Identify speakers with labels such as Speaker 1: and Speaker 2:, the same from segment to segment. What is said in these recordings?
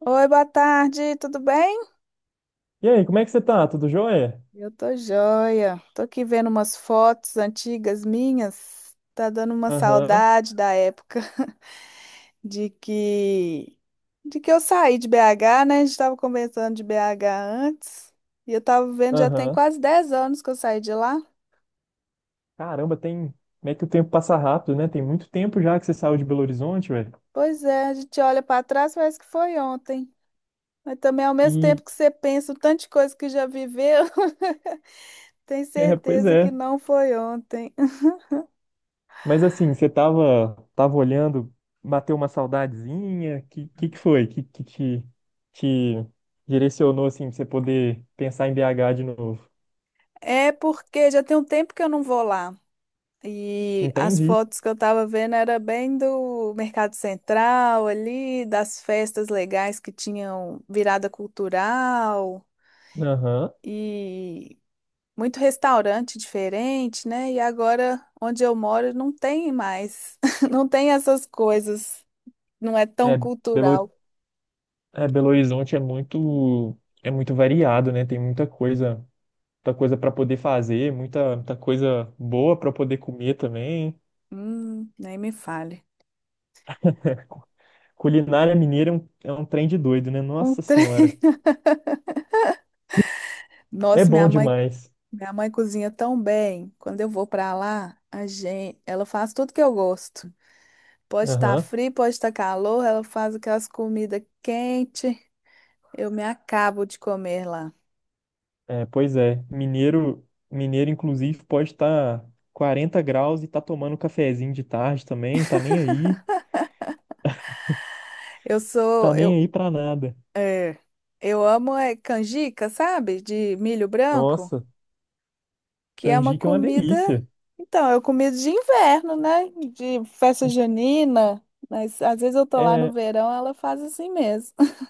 Speaker 1: Oi, boa tarde, tudo bem?
Speaker 2: E aí, como é que você tá? Tudo jóia?
Speaker 1: Eu tô joia. Tô aqui vendo umas fotos antigas minhas. Tá dando uma
Speaker 2: Aham,
Speaker 1: saudade da época de que de que eu saí de BH, né? A gente tava conversando de BH antes. E eu tava vendo, já tem
Speaker 2: aham.
Speaker 1: quase 10 anos que eu saí de lá.
Speaker 2: Caramba, tem. Como é que o tempo passa rápido, né? Tem muito tempo já que você saiu de Belo Horizonte, velho.
Speaker 1: Pois é, a gente olha pra trás, parece que foi ontem. Mas também ao mesmo
Speaker 2: E.
Speaker 1: tempo que você pensa o tanto de coisa que já viveu, tem
Speaker 2: É, pois
Speaker 1: certeza que
Speaker 2: é.
Speaker 1: não foi ontem.
Speaker 2: Mas assim, você tava, olhando, bateu uma saudadezinha. Que foi? Que te, te direcionou, assim, pra você poder pensar em BH de novo?
Speaker 1: É porque já tem um tempo que eu não vou lá. E as
Speaker 2: Entendi.
Speaker 1: fotos que eu tava vendo era bem do Mercado Central ali, das festas legais que tinham virada cultural
Speaker 2: Aham.
Speaker 1: e muito restaurante diferente, né? E agora onde eu moro não tem mais, não tem essas coisas, não é tão
Speaker 2: É, Belo,
Speaker 1: cultural.
Speaker 2: Belo Horizonte é muito variado, né? Tem muita coisa para poder fazer, muita coisa boa para poder comer também.
Speaker 1: Nem me fale.
Speaker 2: Cu- Culinária mineira é é um trem de doido, né?
Speaker 1: Um
Speaker 2: Nossa
Speaker 1: tre...
Speaker 2: Senhora. É
Speaker 1: Nossa, minha
Speaker 2: bom
Speaker 1: mãe,
Speaker 2: demais.
Speaker 1: minha mãe cozinha tão bem. Quando eu vou pra lá, a gente, ela faz tudo que eu gosto. Pode estar
Speaker 2: Aham.
Speaker 1: frio, pode estar calor, ela faz aquelas comidas quentes. Eu me acabo de comer lá.
Speaker 2: É, pois é. Mineiro, inclusive, pode estar 40 graus e tá tomando um cafezinho de tarde também,
Speaker 1: Eu
Speaker 2: tá
Speaker 1: sou,
Speaker 2: nem
Speaker 1: eu,
Speaker 2: aí pra nada.
Speaker 1: é, eu amo é, canjica, sabe? De milho branco,
Speaker 2: Nossa,
Speaker 1: que é uma
Speaker 2: canjica é uma
Speaker 1: comida.
Speaker 2: delícia.
Speaker 1: Então, é comida de inverno, né? De festa junina. Mas às vezes eu tô lá no
Speaker 2: É,
Speaker 1: verão, ela faz assim mesmo.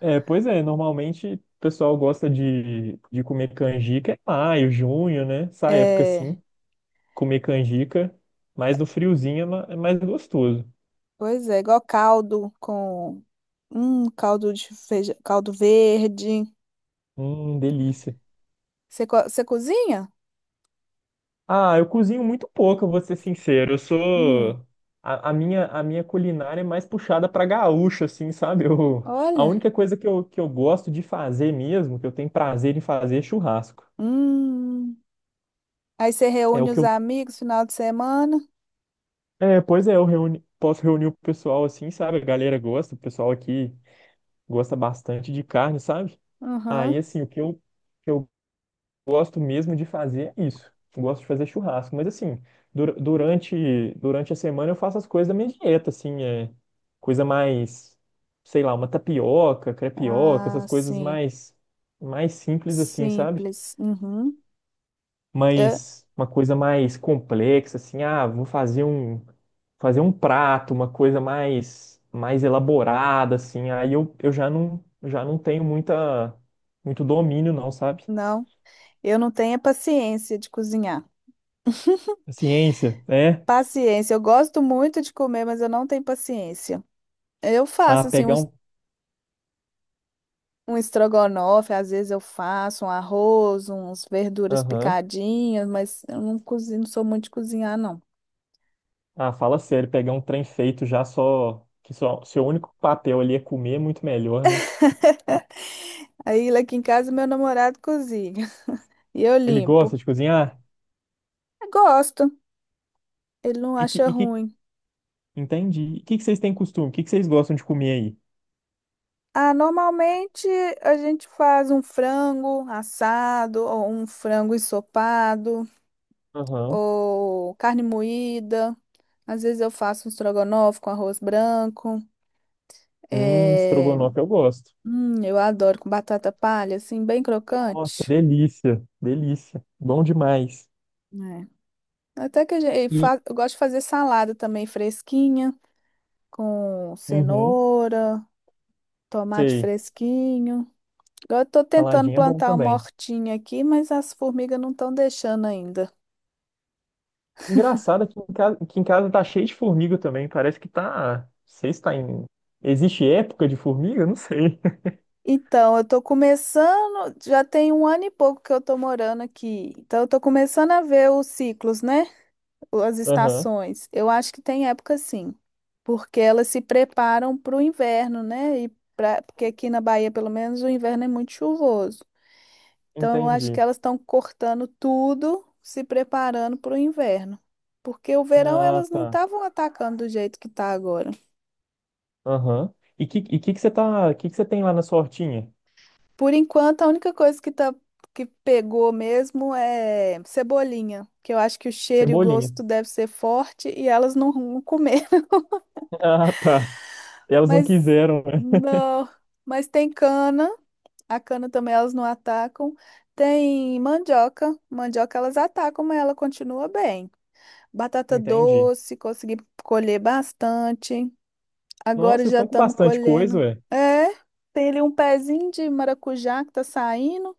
Speaker 2: é, pois é, normalmente o pessoal gosta de comer canjica em maio, junho, né? Essa época
Speaker 1: É,
Speaker 2: assim. Comer canjica, mas no friozinho é é mais gostoso.
Speaker 1: pois é, igual caldo com caldo de feijão, caldo verde.
Speaker 2: Delícia.
Speaker 1: Você cozinha?
Speaker 2: Ah, eu cozinho muito pouco, eu vou ser sincero. Eu
Speaker 1: Hum,
Speaker 2: sou. A minha culinária é mais puxada pra gaúcha, assim, sabe? Eu, a
Speaker 1: olha.
Speaker 2: única coisa que eu gosto de fazer mesmo, que eu tenho prazer em fazer, é churrasco.
Speaker 1: Hum. Aí você
Speaker 2: É o
Speaker 1: reúne
Speaker 2: que
Speaker 1: os
Speaker 2: eu.
Speaker 1: amigos final de semana?
Speaker 2: É, pois é, eu reuni, posso reunir o pessoal assim, sabe? A galera gosta, o pessoal aqui gosta bastante de carne, sabe? Aí,
Speaker 1: Uhum.
Speaker 2: assim, o que eu gosto mesmo de fazer é isso. Eu gosto de fazer churrasco, mas assim, durante a semana eu faço as coisas da minha dieta, assim, é coisa mais, sei lá, uma tapioca, crepioca,
Speaker 1: Ah,
Speaker 2: essas coisas
Speaker 1: sim.
Speaker 2: mais simples assim, sabe?
Speaker 1: Simples. Uhum. Eu,
Speaker 2: Mas uma coisa mais complexa assim, ah, vou fazer um prato, uma coisa mais elaborada assim. Eu já não tenho muita muito domínio não, sabe?
Speaker 1: não, eu não tenho a paciência de cozinhar.
Speaker 2: A ciência, né?
Speaker 1: Paciência. Eu gosto muito de comer, mas eu não tenho paciência. Eu
Speaker 2: Ah,
Speaker 1: faço assim
Speaker 2: pegar
Speaker 1: um, es-
Speaker 2: um
Speaker 1: um estrogonofe, às vezes eu faço um arroz, uns verduras
Speaker 2: Aham.
Speaker 1: picadinhas, mas eu não cozinho, não sou muito de cozinhar, não.
Speaker 2: Ah, fala sério, pegar um trem feito já só. Que só seu único papel ali é comer é muito melhor, né?
Speaker 1: Aí lá aqui em casa meu namorado cozinha e eu
Speaker 2: Ele
Speaker 1: limpo.
Speaker 2: gosta de cozinhar?
Speaker 1: Eu gosto. Ele não
Speaker 2: E que,
Speaker 1: acha
Speaker 2: e que...
Speaker 1: ruim.
Speaker 2: Entendi. E o que que vocês têm costume? O que que vocês gostam de comer aí?
Speaker 1: Ah, normalmente a gente faz um frango assado, ou um frango ensopado,
Speaker 2: Aham.
Speaker 1: ou carne moída. Às vezes eu faço um estrogonofe com arroz branco. É,
Speaker 2: Estrogonofe eu gosto.
Speaker 1: eu adoro com batata palha, assim, bem
Speaker 2: Nossa,
Speaker 1: crocante,
Speaker 2: delícia, delícia. Bom demais.
Speaker 1: né? Até que a gente,
Speaker 2: E,
Speaker 1: eu gosto de fazer salada também fresquinha, com
Speaker 2: uhum,
Speaker 1: cenoura, tomate
Speaker 2: sei,
Speaker 1: fresquinho. Agora eu tô tentando
Speaker 2: saladinha é bom
Speaker 1: plantar uma
Speaker 2: também.
Speaker 1: hortinha aqui, mas as formigas não estão deixando ainda.
Speaker 2: Engraçado que em casa tá cheio de formiga também. Parece que tá. Não sei se tá em. Existe época de formiga? Não sei.
Speaker 1: Então, eu tô começando, já tem um ano e pouco que eu tô morando aqui. Então, eu tô começando a ver os ciclos, né? As
Speaker 2: Aham,
Speaker 1: estações. Eu acho que tem época sim, porque elas se preparam para o inverno, né? E pra, porque aqui na Bahia, pelo menos, o inverno é muito chuvoso. Então, eu acho que
Speaker 2: entendi.
Speaker 1: elas estão cortando tudo, se preparando para o inverno. Porque o verão
Speaker 2: Ah,
Speaker 1: elas não
Speaker 2: tá.
Speaker 1: estavam atacando do jeito que tá agora.
Speaker 2: Aham. E que você tem lá na sua hortinha?
Speaker 1: Por enquanto, a única coisa que tá que pegou mesmo é cebolinha, que eu acho que o cheiro e o
Speaker 2: Cebolinha.
Speaker 1: gosto deve ser forte e elas não vão comer.
Speaker 2: Ah, tá. Elas não
Speaker 1: Mas
Speaker 2: quiseram, né?
Speaker 1: não, mas tem cana, a cana também elas não atacam. Tem mandioca, mandioca elas atacam, mas ela continua bem. Batata
Speaker 2: Entendi.
Speaker 1: doce, consegui colher bastante.
Speaker 2: Nossa,
Speaker 1: Agora
Speaker 2: vocês
Speaker 1: já
Speaker 2: estão com
Speaker 1: estamos
Speaker 2: bastante coisa,
Speaker 1: colhendo.
Speaker 2: ué.
Speaker 1: É, tem ali um pezinho de maracujá que tá saindo.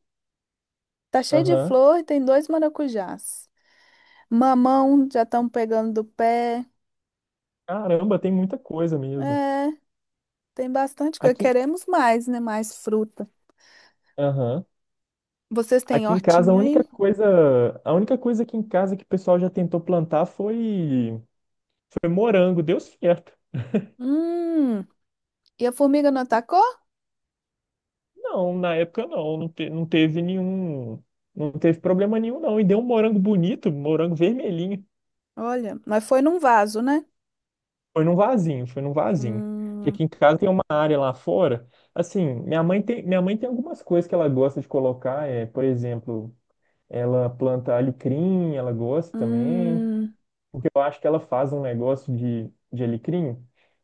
Speaker 1: Tá cheio de
Speaker 2: Aham.
Speaker 1: flor e tem dois maracujás. Mamão já estão pegando do pé.
Speaker 2: Caramba, tem muita coisa mesmo.
Speaker 1: É, tem bastante coisa.
Speaker 2: Aqui,
Speaker 1: Queremos mais, né? Mais fruta.
Speaker 2: aham.
Speaker 1: Vocês têm
Speaker 2: Aqui em casa,
Speaker 1: hortinha aí?
Speaker 2: a única coisa aqui em casa que o pessoal já tentou plantar foi morango. Deu certo.
Speaker 1: Hum, e a formiga não atacou?
Speaker 2: Não, na época não, não, te- não teve nenhum, não teve problema nenhum, não. E deu um morango bonito, morango vermelhinho.
Speaker 1: Olha, mas foi num vaso, né?
Speaker 2: Foi num vasinho. E
Speaker 1: Hum,
Speaker 2: aqui em casa tem uma área lá fora. Assim, minha mãe tem algumas coisas que ela gosta de colocar. É, por exemplo, ela planta alecrim, ela gosta também.
Speaker 1: hum.
Speaker 2: Porque eu acho que ela faz um negócio de alecrim.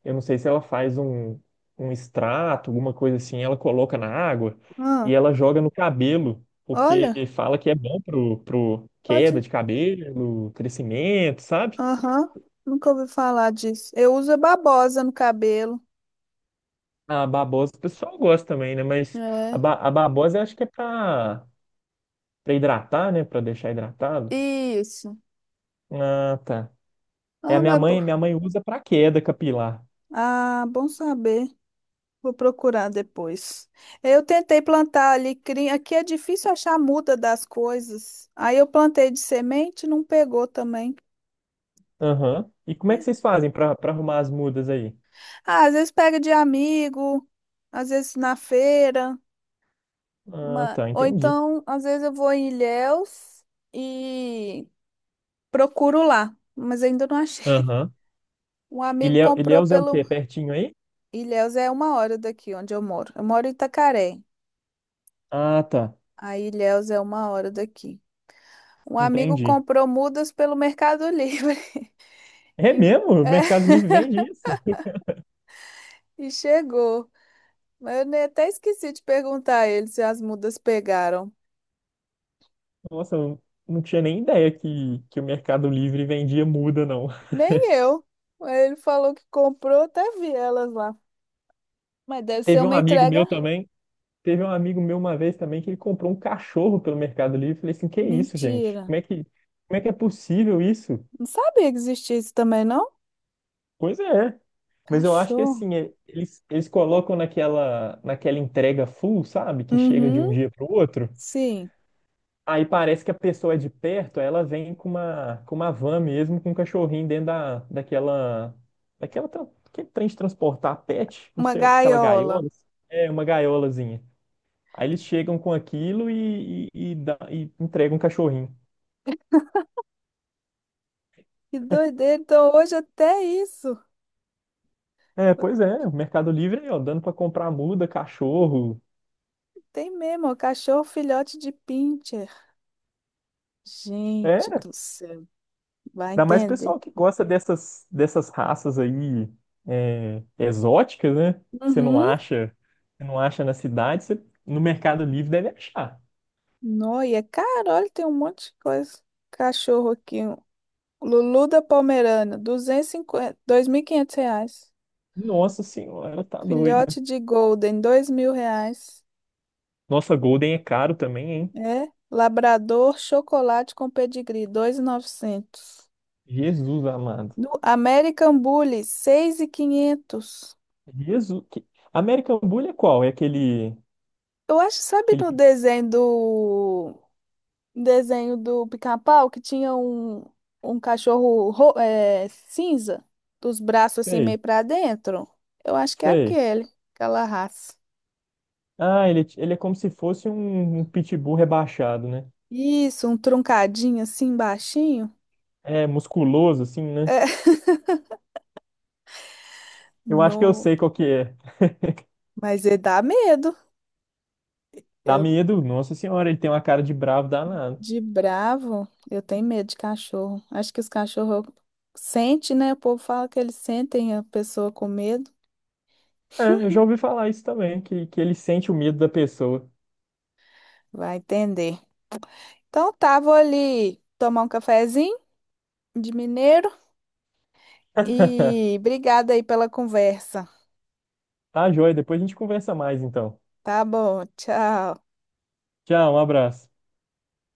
Speaker 2: Eu não sei se ela faz um extrato, alguma coisa assim. Ela coloca na água e
Speaker 1: Ah,
Speaker 2: ela joga no cabelo, porque
Speaker 1: olha,
Speaker 2: fala que é bom pro queda
Speaker 1: pode.
Speaker 2: de cabelo, crescimento, sabe?
Speaker 1: Aham, nunca ouvi falar disso. Eu uso a babosa no cabelo.
Speaker 2: A babosa o pessoal gosta também, né? Mas
Speaker 1: É,
Speaker 2: a babosa eu acho que é pra hidratar, né? Pra deixar hidratado.
Speaker 1: isso.
Speaker 2: Ah, tá. É,
Speaker 1: Ah, mas.
Speaker 2: minha mãe usa pra queda capilar.
Speaker 1: Ah, bom saber. Vou procurar depois. Eu tentei plantar alecrim. Aqui é difícil achar a muda das coisas. Aí eu plantei de semente, não pegou também.
Speaker 2: Aham. E como é que vocês fazem pra arrumar as mudas aí?
Speaker 1: Ah, às vezes pega de amigo, às vezes na feira.
Speaker 2: Ah, tá,
Speaker 1: Ou
Speaker 2: entendi.
Speaker 1: então, às vezes eu vou em Ilhéus e procuro lá. Mas ainda não achei.
Speaker 2: Aham.
Speaker 1: Um amigo comprou
Speaker 2: Ilhéus é o quê?
Speaker 1: pelo.
Speaker 2: Pertinho aí?
Speaker 1: Ilhéus é uma hora daqui onde eu moro. Eu moro em Itacaré.
Speaker 2: Ah, tá.
Speaker 1: Aí Ilhéus é uma hora daqui. Um amigo
Speaker 2: Entendi.
Speaker 1: comprou mudas pelo Mercado Livre.
Speaker 2: É
Speaker 1: E,
Speaker 2: mesmo? O
Speaker 1: é,
Speaker 2: Mercado Livre vende isso?
Speaker 1: e chegou. Mas eu até esqueci de perguntar a ele se as mudas pegaram.
Speaker 2: Nossa, eu não tinha nem ideia que o Mercado Livre vendia muda, não.
Speaker 1: Nem eu. Ele falou que comprou, até vi elas lá. Mas deve ser
Speaker 2: Teve um
Speaker 1: uma
Speaker 2: amigo
Speaker 1: entrega.
Speaker 2: meu também. Teve um amigo meu uma vez também que ele comprou um cachorro pelo Mercado Livre. Eu falei assim, que isso, gente?
Speaker 1: Mentira.
Speaker 2: Como é que é possível isso?
Speaker 1: Não sabia que existia isso também, não?
Speaker 2: Pois é. Mas eu acho que
Speaker 1: Cachorro.
Speaker 2: assim, eles colocam naquela entrega full, sabe? Que chega de
Speaker 1: Uhum.
Speaker 2: um dia para o outro.
Speaker 1: Sim.
Speaker 2: Aí parece que a pessoa é de perto, aí ela vem com com uma van mesmo, com um cachorrinho dentro daquela, aquele trem de transportar pet, não
Speaker 1: Uma
Speaker 2: sei, aquela
Speaker 1: gaiola.
Speaker 2: gaiola. É, uma gaiolazinha. Aí eles chegam com aquilo e entregam um cachorrinho.
Speaker 1: Que doideira. Então hoje até isso.
Speaker 2: É, pois é, o Mercado Livre aí, ó, dando pra comprar muda, cachorro.
Speaker 1: Tem mesmo, ó, cachorro filhote de pincher. Gente
Speaker 2: É,
Speaker 1: do céu. Vai
Speaker 2: ainda mais
Speaker 1: entender.
Speaker 2: pessoal que gosta dessas raças aí é, exóticas, né? Que
Speaker 1: Uhum.
Speaker 2: você não acha na cidade, você no Mercado Livre deve achar.
Speaker 1: Nó, e é caro, olha, tem um monte de coisa. Cachorro aqui, um Lulu da Pomerana, 250, R$ 500.
Speaker 2: Nossa senhora, tá doido.
Speaker 1: Filhote de Golden, R$ 2.000.
Speaker 2: Nossa, Golden é caro também, hein?
Speaker 1: É, Labrador Chocolate com Pedigree, 2.900
Speaker 2: Jesus amado.
Speaker 1: do American Bully, 6.500.
Speaker 2: Jesus. American Bull é qual? É aquele,
Speaker 1: Eu acho, sabe no
Speaker 2: aquele...
Speaker 1: desenho do Pica-Pau que tinha um cachorro cinza, dos braços assim meio
Speaker 2: Sei,
Speaker 1: pra dentro. Eu acho que é
Speaker 2: sei.
Speaker 1: aquele, aquela raça.
Speaker 2: Ah, ele é como se fosse um pitbull rebaixado, né?
Speaker 1: Isso, um truncadinho assim baixinho.
Speaker 2: É musculoso, assim, né?
Speaker 1: É,
Speaker 2: Eu acho que eu
Speaker 1: no,
Speaker 2: sei qual que é.
Speaker 1: mas ele dá medo.
Speaker 2: Dá
Speaker 1: Eu
Speaker 2: medo, nossa senhora, ele tem uma cara de bravo danado.
Speaker 1: de bravo, eu tenho medo de cachorro. Acho que os cachorros sentem, né? O povo fala que eles sentem a pessoa com medo.
Speaker 2: É, eu já ouvi falar isso também, que ele sente o medo da pessoa.
Speaker 1: Vai entender. Então tá, vou ali tomar um cafezinho de mineiro. E obrigada aí pela conversa.
Speaker 2: Tá, joia, depois a gente conversa mais, então.
Speaker 1: Tá bom, tchau.
Speaker 2: Tchau, um abraço.